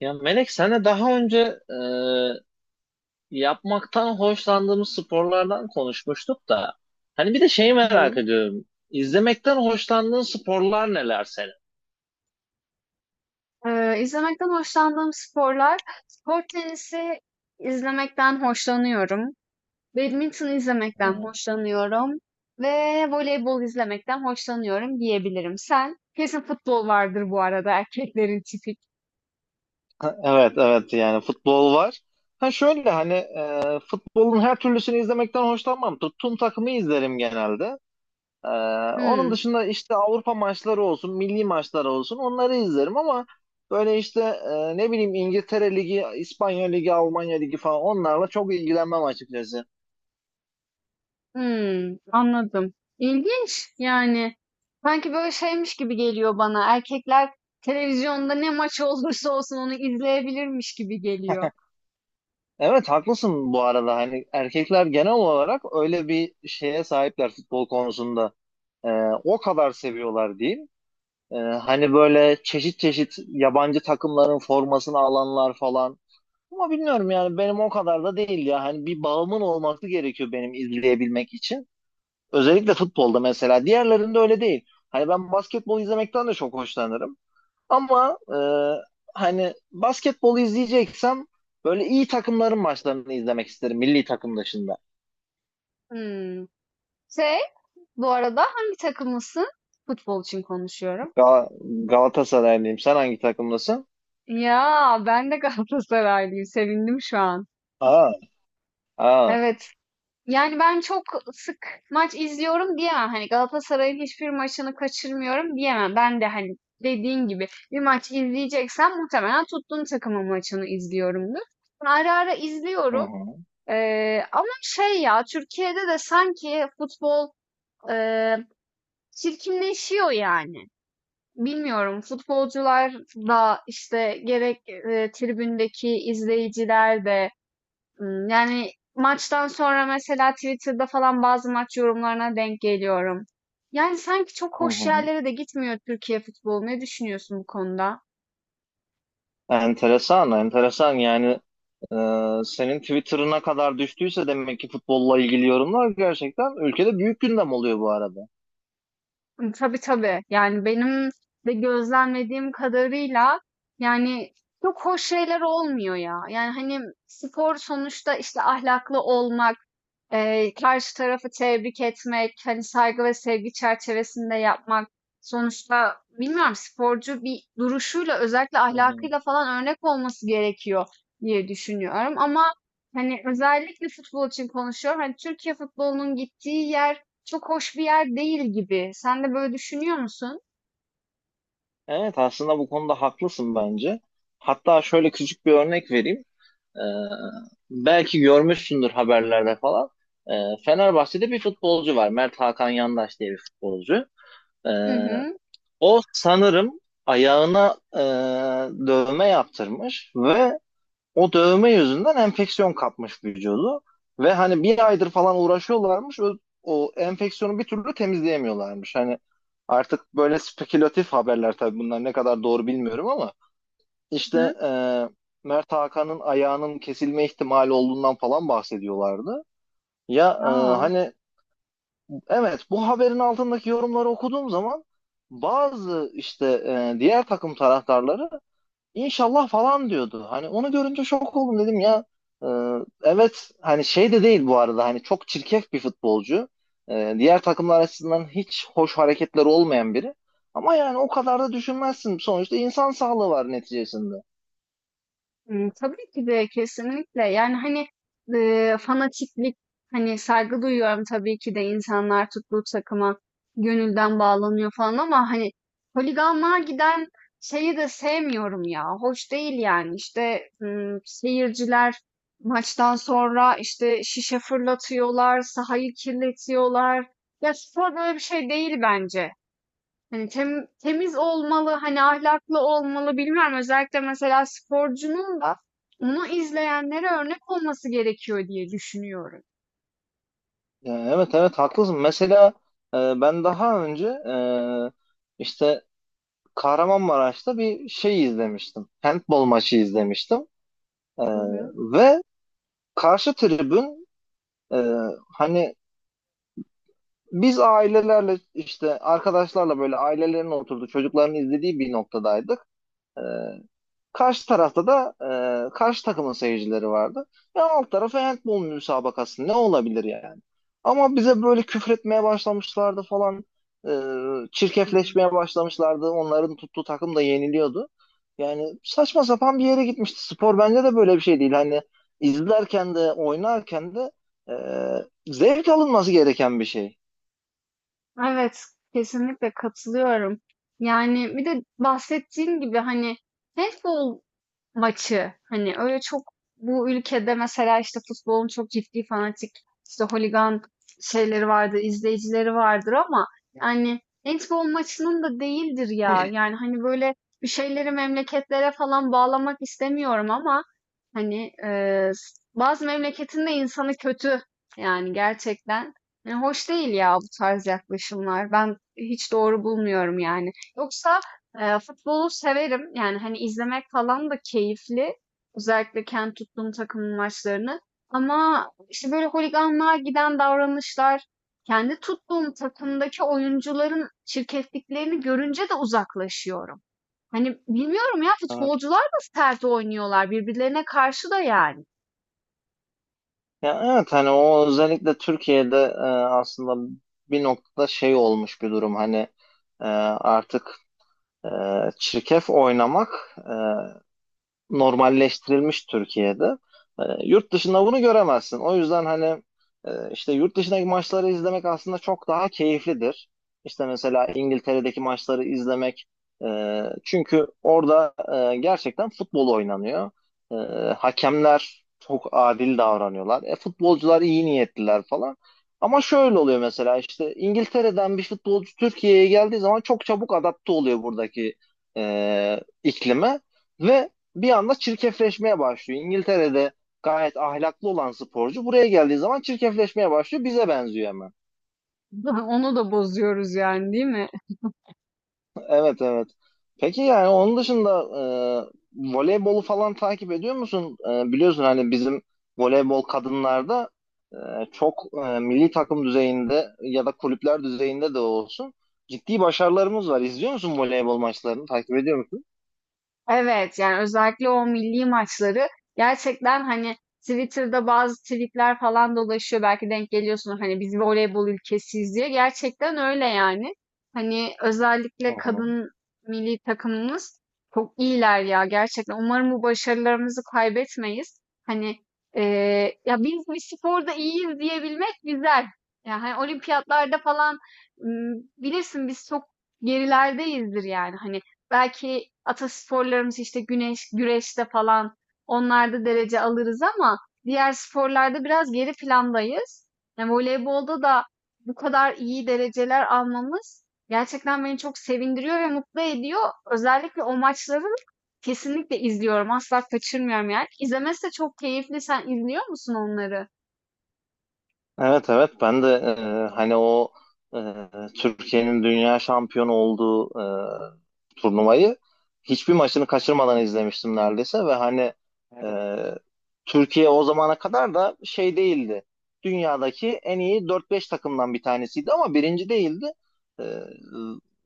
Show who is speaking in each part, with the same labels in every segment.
Speaker 1: Ya Melek senle daha önce yapmaktan hoşlandığımız sporlardan konuşmuştuk da hani bir de şeyi
Speaker 2: Hı hı.
Speaker 1: merak ediyorum. İzlemekten hoşlandığın sporlar neler senin?
Speaker 2: İzlemekten hoşlandığım sporlar, spor tenisi izlemekten hoşlanıyorum. Badminton izlemekten
Speaker 1: Hı.
Speaker 2: hoşlanıyorum ve voleybol izlemekten hoşlanıyorum diyebilirim. Sen? Kesin futbol vardır bu arada erkeklerin tipik.
Speaker 1: Ha, evet evet yani futbol var. Ha şöyle hani futbolun her türlüsünü izlemekten hoşlanmam. Tuttuğum takımı izlerim genelde. Ee, Onun
Speaker 2: Hmm,
Speaker 1: dışında işte Avrupa maçları olsun, milli maçları olsun onları izlerim ama böyle işte ne bileyim İngiltere Ligi, İspanya Ligi, Almanya Ligi falan onlarla çok ilgilenmem açıkçası.
Speaker 2: Anladım. İlginç yani. Sanki böyle şeymiş gibi geliyor bana. Erkekler televizyonda ne maç olursa olsun onu izleyebilirmiş gibi geliyor.
Speaker 1: Evet haklısın, bu arada hani erkekler genel olarak öyle bir şeye sahipler futbol konusunda. Ee, O kadar seviyorlar diyeyim. Hani böyle çeşit çeşit yabancı takımların formasını alanlar falan. Ama bilmiyorum yani benim o kadar da değil ya. Hani bir bağımın olması gerekiyor benim izleyebilmek için. Özellikle futbolda mesela. Diğerlerinde öyle değil. Hani ben basketbol izlemekten de çok hoşlanırım. Ama hani basketbol izleyeceksem böyle iyi takımların maçlarını izlemek isterim milli takım dışında.
Speaker 2: Hmm. Şey, Bu arada hangi takımlısın? Futbol için konuşuyorum.
Speaker 1: Gal Galatasaraylıyım. Sen hangi takımdasın?
Speaker 2: Ya ben de Galatasaraylıyım. Sevindim şu an.
Speaker 1: Aa, aa.
Speaker 2: Evet. Yani ben çok sık maç izliyorum diyemem. Hani Galatasaray'ın hiçbir maçını kaçırmıyorum diyemem. Ben de hani dediğin gibi bir maç izleyeceksem muhtemelen tuttuğum takımın maçını izliyorumdur. Ara ara
Speaker 1: Hı
Speaker 2: izliyorum.
Speaker 1: hı.
Speaker 2: Ama şey ya Türkiye'de de sanki futbol e, çirkinleşiyor yani. Bilmiyorum, futbolcular da, işte, gerek, tribündeki izleyiciler de, yani, maçtan sonra mesela Twitter'da falan bazı maç yorumlarına denk geliyorum. Yani, sanki çok
Speaker 1: Hı
Speaker 2: hoş
Speaker 1: hı.
Speaker 2: yerlere de gitmiyor Türkiye futbolu. Ne düşünüyorsun bu konuda?
Speaker 1: Enteresan, enteresan. Yani e, senin Twitter'ına kadar düştüyse demek ki futbolla ilgili yorumlar gerçekten ülkede büyük gündem oluyor bu arada.
Speaker 2: Tabii, tabii. Yani, benim de gözlemlediğim kadarıyla, yani, çok hoş şeyler olmuyor ya. Yani, hani, spor sonuçta, işte, ahlaklı olmak, karşı tarafı tebrik etmek, hani, saygı ve sevgi çerçevesinde yapmak. Sonuçta bilmiyorum, sporcu bir duruşuyla, özellikle
Speaker 1: Hı hı.
Speaker 2: ahlakıyla falan örnek olması gerekiyor diye düşünüyorum ama, hani, özellikle futbol için konuşuyorum. Hani, Türkiye futbolunun gittiği yer çok hoş bir yer değil gibi. Sen de böyle düşünüyor musun?
Speaker 1: Evet aslında bu konuda haklısın bence. Hatta şöyle küçük bir örnek vereyim. Ee, Belki görmüşsündür haberlerde falan. Ee, Fenerbahçe'de bir futbolcu var. Mert Hakan Yandaş diye bir futbolcu. Ee,
Speaker 2: Hı hı.
Speaker 1: O sanırım ayağına dövme yaptırmış ve o dövme yüzünden enfeksiyon kapmış vücudu ve hani bir aydır falan uğraşıyorlarmış. O enfeksiyonu bir türlü temizleyemiyorlarmış. Hani artık böyle spekülatif haberler, tabii bunlar ne kadar doğru bilmiyorum ama
Speaker 2: Hı hı.
Speaker 1: işte Mert Hakan'ın ayağının kesilme ihtimali olduğundan falan bahsediyorlardı. Ya
Speaker 2: Ya.
Speaker 1: hani evet, bu haberin altındaki yorumları okuduğum zaman bazı işte diğer takım taraftarları İnşallah falan diyordu. Hani onu görünce şok oldum dedim ya. Ee, evet hani şey de değil bu arada, hani çok çirkef bir futbolcu. Diğer takımlar açısından hiç hoş hareketler olmayan biri. Ama yani o kadar da düşünmezsin. Sonuçta insan sağlığı var neticesinde.
Speaker 2: Tabii ki de kesinlikle. Yani, hani, fanatiklik, hani, saygı duyuyorum tabii ki de insanlar tuttuğu takıma gönülden bağlanıyor falan ama, hani, holiganlığa giden şeyi de sevmiyorum ya. Hoş değil yani. İşte, seyirciler maçtan sonra, işte, şişe fırlatıyorlar, sahayı kirletiyorlar. Ya, spor böyle bir şey değil bence. Hani temiz olmalı, hani ahlaklı olmalı bilmiyorum. Özellikle mesela sporcunun da onu izleyenlere örnek olması gerekiyor diye düşünüyorum.
Speaker 1: Evet evet haklısın. Mesela ben daha önce işte Kahramanmaraş'ta bir şey izlemiştim. Handball maçı izlemiştim. Ee,
Speaker 2: Hı hı.
Speaker 1: Ve karşı tribün, e, hani biz ailelerle işte arkadaşlarla böyle ailelerin oturduğu, çocukların izlediği bir noktadaydık. Ee, Karşı tarafta da karşı takımın seyircileri vardı. Ya alt tarafı handball müsabakası, ne olabilir yani? Ama bize böyle küfretmeye başlamışlardı falan.
Speaker 2: Hı hı.
Speaker 1: Çirkefleşmeye başlamışlardı. Onların tuttuğu takım da yeniliyordu. Yani saçma sapan bir yere gitmişti. Spor bence de böyle bir şey değil. Hani izlerken de oynarken de zevk alınması gereken bir şey.
Speaker 2: Evet, kesinlikle katılıyorum. Yani bir de bahsettiğim gibi hani handball maçı. Hani öyle çok bu ülkede mesela işte futbolun çok ciddi fanatik işte holigan şeyleri vardır, izleyicileri vardır ama yani handball maçının da değildir ya. Yani hani böyle bir şeyleri memleketlere falan bağlamak istemiyorum ama hani bazı memleketin de insanı kötü yani gerçekten. Yani hoş değil ya bu tarz yaklaşımlar. Ben hiç doğru bulmuyorum yani. Yoksa futbolu severim. Yani, hani, izlemek falan da keyifli. Özellikle kendi tuttuğum takımın maçlarını ama, işte, böyle holiganlığa giden davranışlar, kendi tuttuğum takımdaki oyuncuların çirkefliklerini görünce de uzaklaşıyorum. Hani, bilmiyorum ya,
Speaker 1: Yani
Speaker 2: futbolcular da sert oynuyorlar birbirlerine karşı da yani.
Speaker 1: Ya evet, hani o özellikle Türkiye'de aslında bir noktada şey olmuş bir durum, hani artık e, çirkef oynamak normalleştirilmiş Türkiye'de. Yurt dışında bunu göremezsin. O yüzden hani işte yurt dışındaki maçları izlemek aslında çok daha keyiflidir. İşte mesela İngiltere'deki maçları izlemek, çünkü orada gerçekten futbol oynanıyor. E, Hakemler çok adil davranıyorlar. Futbolcular iyi niyetliler falan. Ama şöyle oluyor, mesela işte İngiltere'den bir futbolcu Türkiye'ye geldiği zaman çok çabuk adapte oluyor, buradaki iklime ve bir anda çirkefleşmeye başlıyor. İngiltere'de gayet ahlaklı olan sporcu buraya geldiği zaman çirkefleşmeye başlıyor. Bize benziyor hemen.
Speaker 2: Onu da bozuyoruz yani, değil mi?
Speaker 1: Evet evet. Peki yani onun dışında voleybolu falan takip ediyor musun? Biliyorsun hani bizim voleybol kadınlarda e, çok, milli takım düzeyinde ya da kulüpler düzeyinde de olsun ciddi başarılarımız var. İzliyor musun voleybol maçlarını? Takip ediyor musun?
Speaker 2: Evet, yani özellikle o milli maçları gerçekten, hani, Twitter'da bazı tweet'ler falan dolaşıyor. Belki denk geliyorsunuz, hani, "Biz voleybol ülkesiyiz." diye. Gerçekten öyle yani. Hani,
Speaker 1: Hı
Speaker 2: özellikle
Speaker 1: hı.
Speaker 2: kadın milli takımımız çok iyiler ya gerçekten. Umarım bu başarılarımızı kaybetmeyiz. Hani, ya, biz bir sporda iyiyiz diyebilmek güzel. Ya, hani, olimpiyatlarda falan, bilirsin biz çok gerilerdeyizdir yani. Hani, belki atasporlarımız işte güneş, güreşte falan onlarda derece alırız ama diğer sporlarda biraz geri plandayız. Yani voleybolda da bu kadar iyi dereceler almamız gerçekten beni çok sevindiriyor ve mutlu ediyor. Özellikle o maçları kesinlikle izliyorum. Asla kaçırmıyorum yani. İzlemesi de çok keyifli. Sen izliyor musun onları?
Speaker 1: Evet evet ben de hani o e, Türkiye'nin dünya şampiyonu olduğu turnuvayı hiçbir maçını kaçırmadan izlemiştim neredeyse ve hani e, Türkiye o zamana kadar da şey değildi. Dünyadaki en iyi dört beş takımdan bir tanesiydi ama birinci değildi. E,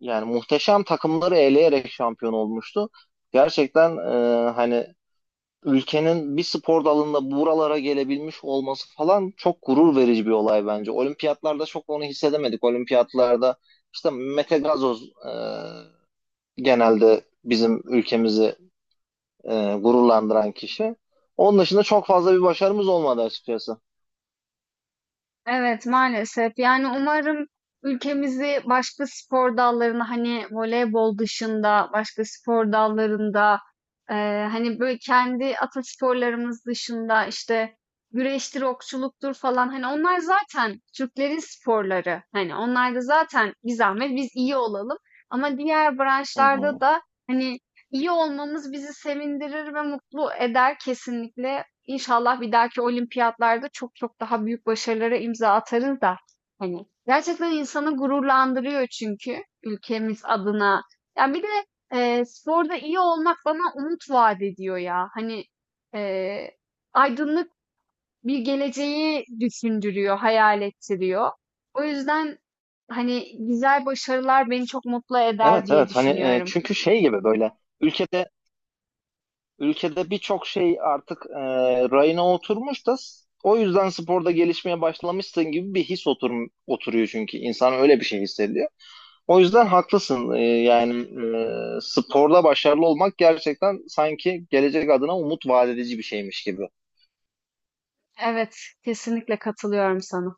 Speaker 1: Yani muhteşem takımları eleyerek şampiyon olmuştu. Gerçekten hani ülkenin bir spor dalında buralara gelebilmiş olması falan çok gurur verici bir olay bence. Olimpiyatlarda çok onu hissedemedik. Olimpiyatlarda işte Mete Gazoz, genelde bizim ülkemizi gururlandıran kişi. Onun dışında çok fazla bir başarımız olmadı açıkçası.
Speaker 2: Evet maalesef. Yani umarım ülkemizi başka spor dallarına hani voleybol dışında başka spor dallarında hani böyle kendi atasporlarımız dışında işte güreştir, okçuluktur falan hani onlar zaten Türklerin sporları. Hani onlar da zaten bir zahmet biz iyi olalım. Ama diğer
Speaker 1: Hı
Speaker 2: branşlarda
Speaker 1: hı.
Speaker 2: da hani iyi olmamız bizi sevindirir ve mutlu eder kesinlikle. İnşallah bir dahaki olimpiyatlarda çok çok daha büyük başarılara imza atarız da hani gerçekten insanı gururlandırıyor çünkü ülkemiz adına. Yani bir de sporda iyi olmak bana umut vaat ediyor ya. Hani e, aydınlık bir geleceği düşündürüyor, hayal ettiriyor. O yüzden hani güzel başarılar beni çok mutlu eder
Speaker 1: Evet
Speaker 2: diye
Speaker 1: evet hani
Speaker 2: düşünüyorum.
Speaker 1: çünkü şey gibi böyle ülkede Ülkede birçok şey artık rayına oturmuş da o yüzden sporda gelişmeye başlamışsın gibi bir his oturuyor çünkü. İnsan öyle bir şey hissediyor. O yüzden haklısın. Yani sporda başarılı olmak gerçekten sanki gelecek adına umut vaat edici bir şeymiş gibi.
Speaker 2: Evet, kesinlikle katılıyorum sana.